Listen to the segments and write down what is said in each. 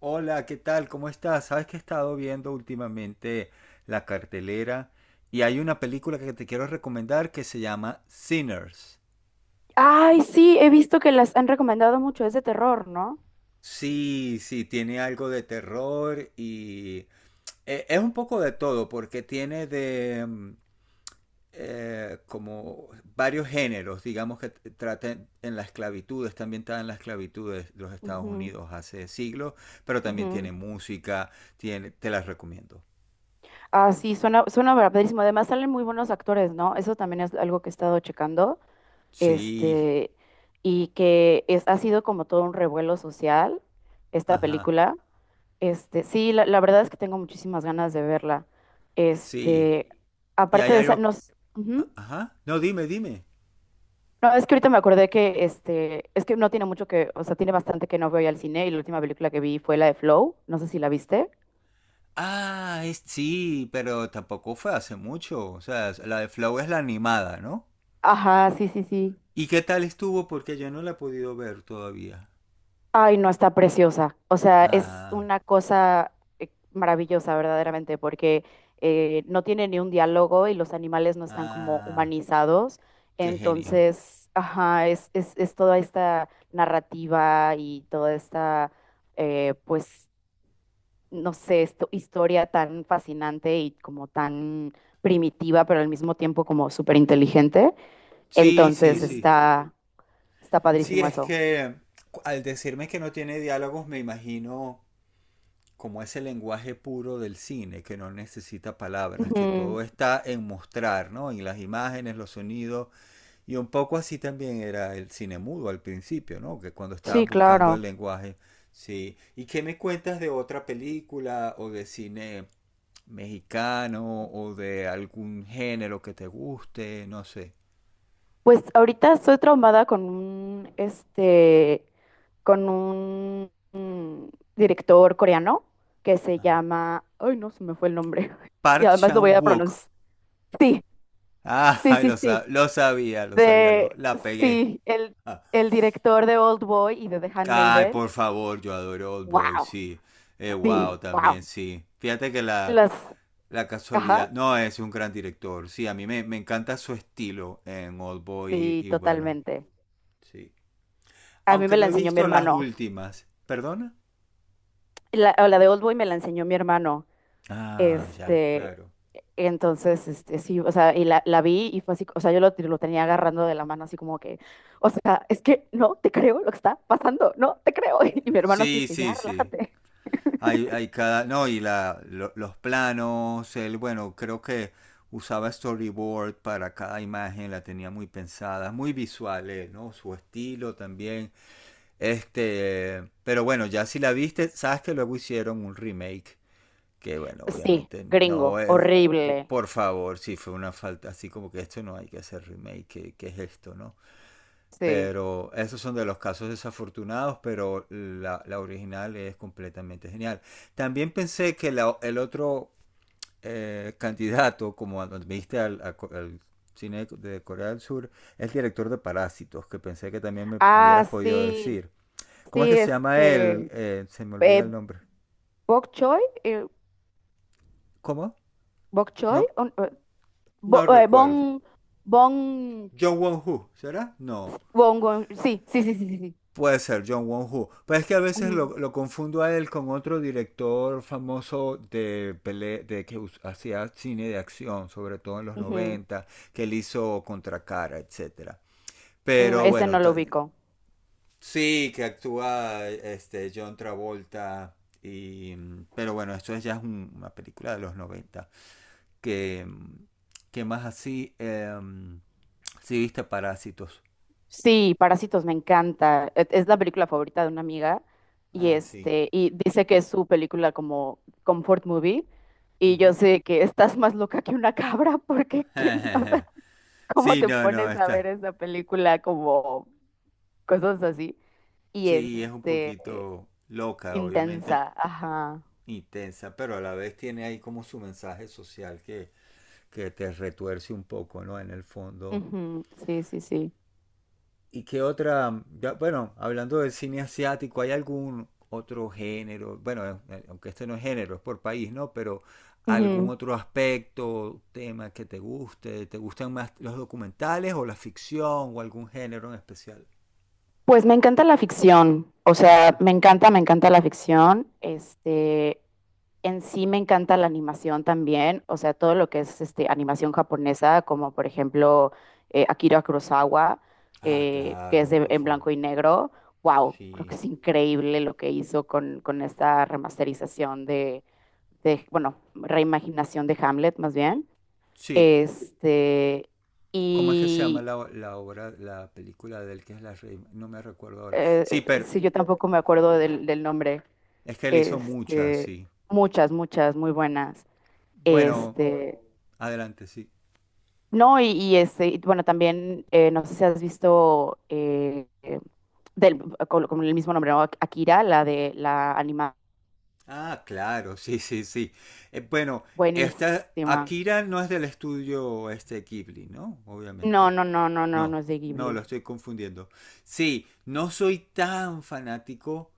Hola, ¿qué tal? ¿Cómo estás? Sabes que he estado viendo últimamente la cartelera y hay una película que te quiero recomendar que se llama Sinners. Ay, sí, he visto que las han recomendado mucho, es de terror, no. Sí, sí, tiene algo de terror y es un poco de todo porque tiene como varios géneros, digamos que trata en la esclavitud, está ambientada en la esclavitud de los Estados Ujú, Unidos hace siglos, pero también ujú. tiene música, tiene, te las recomiendo. Ah, sí, suena, suena verdadísimo. Además salen muy buenos actores, ¿no? Eso también es algo que he estado checando, Sí, este, y que es, ha sido como todo un revuelo social esta ajá. película. Sí, la verdad es que tengo muchísimas ganas de verla. Sí. Este, Y hay aparte de esa, algo... nos... ujú. Ajá. No, dime, dime. No, es que ahorita me acordé que es que no tiene mucho que, o sea, tiene bastante que no veo ya al cine y la última película que vi fue la de Flow, no sé si la viste. Ah, es... sí, pero tampoco fue hace mucho. O sea, la de Flow es la animada, ¿no? Ajá, sí, sí, sí. ¿Y qué tal estuvo? Porque yo no la he podido ver todavía. Ay, no, está preciosa. O sea, es Ah, una cosa maravillosa, verdaderamente, porque no tiene ni un diálogo y los animales no están como ah, humanizados. qué genio. Entonces, ajá, es toda esta narrativa y toda esta, eh, pues, no sé, historia tan fascinante y como tan primitiva, pero al mismo tiempo como súper inteligente. Sí, sí, Entonces Mm. sí. está, está Sí, padrísimo es eso. que al decirme que no tiene diálogos, me imagino como ese lenguaje puro del cine, que no necesita palabras, que todo Ujú. está en mostrar, ¿no? En las imágenes, los sonidos. Y un poco así también era el cine mudo al principio, ¿no? Que cuando Sí, estaban buscando el claro. lenguaje, sí. ¿Y qué me cuentas de otra película o de cine mexicano o de algún género que te guste? No sé. Pues ahorita estoy traumada con un director coreano que se llama, ay, no, se me fue el nombre. Y Park además lo voy a Chan-wook. pronunciar. Sí, sí, Ah, sí, sí. Lo sabía, De, la pegué. sí, Ah. el director de Old Boy y de The Ay, Handmaiden. por favor, yo adoro Old Boy, Wow, sí. Sí, Wow, también wow. sí. Fíjate que la, Las, La ajá, casualidad. No, es un gran director. Sí, me encanta su estilo en Oldboy sí, y bueno, totalmente. sí. A mí Aunque me no la he enseñó mi visto las hermano. últimas. ¿Perdona? La, o la de Oldboy me la enseñó mi hermano. Ah, ya, Este, claro. entonces, sí, o sea, y la vi y fue así, o sea, yo lo tenía agarrando de la mano así como que, o sea, es que no te creo lo que está pasando, no te creo. Y mi hermano así Sí, que ya, sí, sí. relájate. Hay cada. No, los planos. Él, bueno, creo que usaba storyboard para cada imagen, la tenía muy pensada, muy visual, él, ¿no? Su estilo también. Este. Pero bueno, ya si la viste, sabes que luego hicieron un remake que bueno, Sí, obviamente no gringo, es, horrible. por favor, si fue una falta, así como que esto no hay que hacer remake, qué que es esto, ¿no? Sí. Pero esos son de los casos desafortunados, pero la original es completamente genial. También pensé que el otro candidato, como viste al cine de Corea del Sur, es el director de Parásitos, que pensé que también me Ah, hubieras podido sí, decir. ¿Cómo es sí, que se llama él? Se me olvida el eh, nombre. Bok Choy, ¿Cómo? Bok Choy, No, no recuerdo. Bon, bon, John Won-Hu, ¿será? No. bon, Gon- sí, sí, sí, sí, sí. Sí. Puede ser John Won-Hu. Pero es que a veces Ujú, lo confundo a él con otro director famoso de, pele de que hacía cine de acción, sobre todo en los ujú. 90, que él hizo contra cara, etcétera. Mm, Pero ese no bueno, lo ubico. sí, que actúa este, John Travolta. Y, pero bueno, esto ya es una película de los noventa. Que, que más así, sí, viste Parásitos. Sí, Parásitos me encanta. E- Es la película favorita de una amiga y Ah, sí. este y dice que es su película como comfort movie y yo Ujú. sé que estás más loca que una cabra porque ¿quién, o sea, cómo Sí, te no, no, pones a ver está. esa película como cosas así y Sí, es un este poquito loca, obviamente intensa, ajá. intensa, pero a la vez tiene ahí como su mensaje social que te retuerce un poco, ¿no? En el fondo. Ujú, Sí, sí, sí. ¿Y qué otra? Ya, bueno, hablando del cine asiático, ¿hay algún otro género? Bueno, aunque este no es género, es por país, ¿no? Pero algún Ujú. otro aspecto, tema que te guste, ¿te gustan más los documentales o la ficción o algún género en especial? Pues me encanta la ficción, o sea, me encanta la ficción, en sí me encanta la animación también, o sea, todo lo que es animación japonesa, como por ejemplo Akira Kurosawa, Ah, que es claro, de- por en favor. blanco y negro, wow, creo que Sí. es increíble lo que hizo con esta remasterización de, bueno, reimaginación de Hamlet más bien, Sí. este, ¿Cómo es que se llama y la, la obra, la película de él que es la rey? No me recuerdo ahora. Sí, pero sí, yo tampoco me acuerdo del nombre. es que él hizo muchas, Este, sí. muchas, muchas, muy buenas. Bueno, Este, adelante, sí. no, y bueno, también, no sé si has visto del, con el mismo nombre, ¿no? Akira, la de la animada. Ah, claro, sí, sí, sí. Bueno, esta Buenísima. Akira no es del estudio este Ghibli, ¿no? No, Obviamente. no, no, no, no, no No, es de no, Ghibli. lo estoy confundiendo. Sí, no soy tan fanático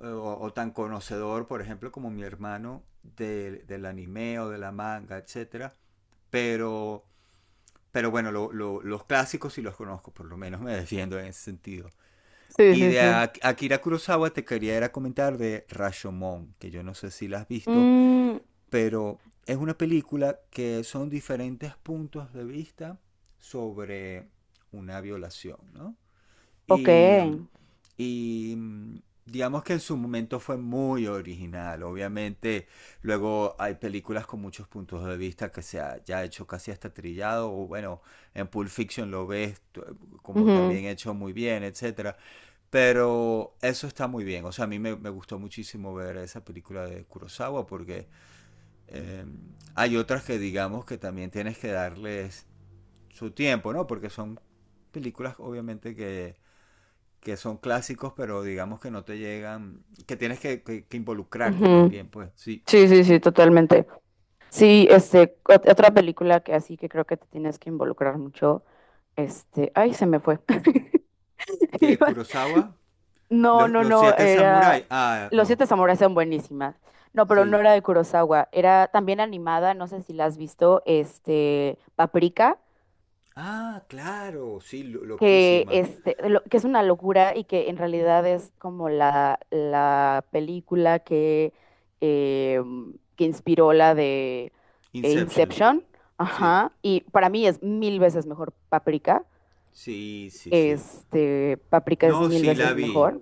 o tan conocedor, por ejemplo, como mi hermano del anime o de la manga, etcétera, pero, pero bueno, los clásicos sí los conozco, por lo menos me defiendo en ese sentido. Sí, Y sí, de sí. Akira Kurosawa te quería era comentar de Rashomon, que yo no sé si la has visto, Mm, pero es una película que son diferentes puntos de vista sobre una violación, ¿no? ok. Y, mm, y mm, digamos que en su momento fue muy original. Obviamente, luego hay películas con muchos puntos de vista que se ha ya hecho casi hasta trillado. O bueno, en Pulp Fiction lo ves como Ujú, también hecho muy bien, etcétera. Pero eso está muy bien. O sea, me gustó muchísimo ver esa película de Kurosawa porque eh, hay otras que digamos que también tienes que darles su tiempo, ¿no? Porque son películas obviamente que son clásicos, pero digamos que no te llegan, que tienes que, que involucrarte ujú. también, pues. Sí. Sí, sí, sí, totalmente. Sí, ot- otra película que así que creo que te tienes que involucrar mucho. Ay, se me fue. De Kurosawa, No, no, no, siete era... samuráis. Ah, Los no. Siete Samuráis son buenísimas. No, pero no Sí. era de Kurosawa, era también animada, no sé si la has visto, Paprika, Ah, claro, sí, loquísima. Que es una locura y que en realidad es como la película eh, que inspiró la de Inception. Inception. Sí, Ajá, y para mí es mil veces mejor Paprika. sí, sí, sí. Este, Paprika es No, mil sí, la veces vi. mejor.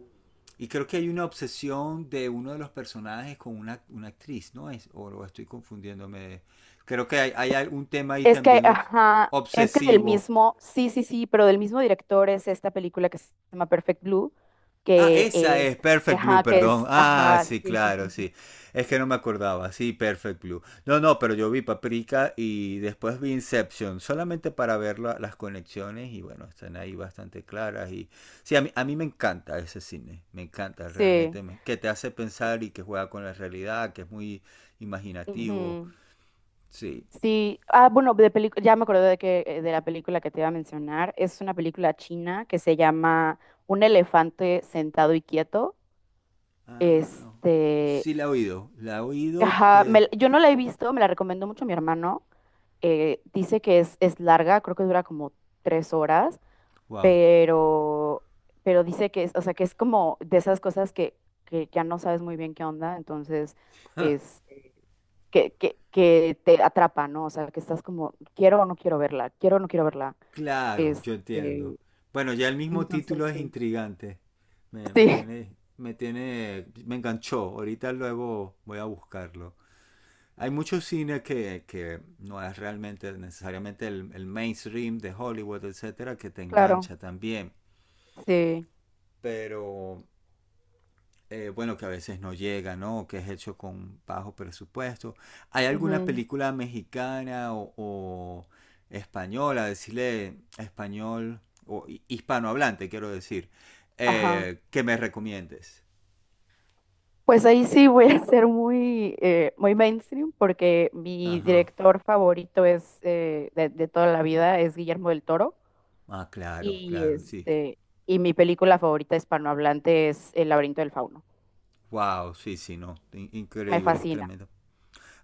Y creo que hay una obsesión de uno de los personajes con una actriz, ¿no es? O lo estoy confundiéndome. Creo que hay un tema ahí Es que, también ajá, es que del obsesivo. mismo, sí, sí, sí, pero del mismo director es esta película que se llama Perfect Blue, Ah, que esa es, es Perfect Blue, ajá, que perdón. es, Ah, ajá, sí, sí, sí, claro, sí, sí. sí. Es que no me acordaba. Sí, Perfect Blue. No, no, pero yo vi Paprika y después vi Inception, solamente para ver las conexiones y bueno, están ahí bastante claras. Y sí, a mí me encanta ese cine, me encanta Sí, realmente, que te hace pensar y que juega con la realidad, que es muy imaginativo. ujú, Sí. Sí, ah, bueno, de pelic- ya me acordé de que, de la película que te iba a mencionar, es una película china que se llama Un elefante sentado y quieto, Ah, este, sí, la he oído, ajá, pero... me la- yo no la he visto, me la recomendó mucho mi hermano, dice que es larga, creo que dura como 3 horas, Wow. pero, pero dice que es, o sea, que es como de esas cosas que ya no sabes muy bien qué onda, entonces es que te atrapa, ¿no? O sea, que estás como, quiero o no quiero verla, quiero o no quiero verla. Claro, yo Este, entiendo. Bueno, ya el mismo título entonces es sí. intrigante. Sí, Me tiene, me enganchó. Ahorita luego voy a buscarlo. Hay mucho cine que no es realmente necesariamente el mainstream de Hollywood, etcétera, que te claro, engancha también. sí. Pero bueno, que a veces no llega, ¿no? O que es hecho con bajo presupuesto. ¿Hay alguna Ujú, película mexicana o española, decirle español o hispanohablante, quiero decir, Ajá. Que me recomiendes? Pues ahí sí voy a ser muy, muy mainstream porque mi Ajá. director favorito es de toda la vida es Guillermo del Toro. Ah, claro, Y claro, sí. este, y mi película favorita hispanohablante es El laberinto del fauno. Wow, sí, sí, no. In- Me increíble, fascina. tremendo.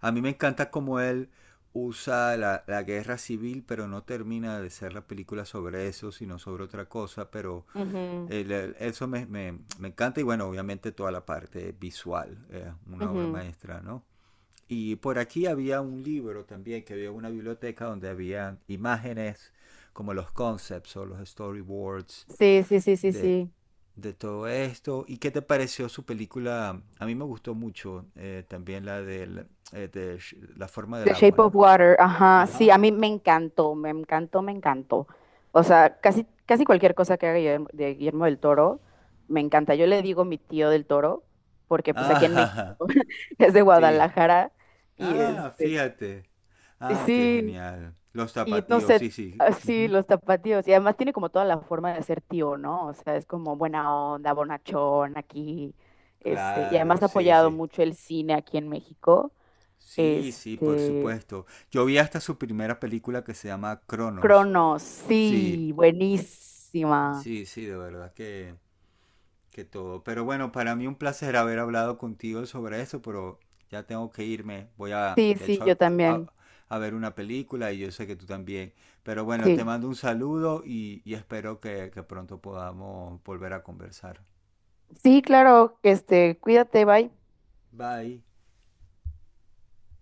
A mí me encanta cómo él usa la, la guerra civil, pero no termina de ser la película sobre eso, sino sobre otra cosa, pero Ujú, eso me encanta y bueno, obviamente toda la parte visual, una obra ujú. maestra, ¿no? Y por aquí había un libro también, que había una biblioteca donde había imágenes como los concepts o los storyboards Sí, sí, sí, sí, de, sí. de todo esto. ¿Y qué te pareció su película? A mí me gustó mucho de La forma del The agua, Shape of ¿no? Water, ajá. Sí, Ajá. a mí me encantó, me encantó, me encantó. O sea, casi, casi cualquier cosa que haga Guillermo, de Guillermo del Toro, me encanta. Yo le digo mi tío del Toro, porque pues aquí en Ajá. México es de Sí. Guadalajara y Ah, este, fíjate. Ah, qué sí. genial. Los Y no zapatillos, sí, sé, sí. así Ujú. los tapatíos. Y además tiene como toda la forma de ser tío, ¿no? O sea, es como buena onda, bonachón aquí. Y Claro, además ha sí, apoyado sí. mucho el cine aquí en México. Sí, sí, por Este, supuesto. Yo vi hasta su primera película que se llama Cronos. Cronos, Sí, sí, buenísima. sí, sí, de verdad que todo. Pero bueno, para mí un placer haber hablado contigo sobre eso, pero ya tengo que irme. Voy a, Sí, de sí, yo hecho, también. a ver una película y yo sé que tú también. Pero bueno, te Sí. mando un saludo y espero que pronto podamos volver a conversar. Sí, claro, cuídate, bye. Bye.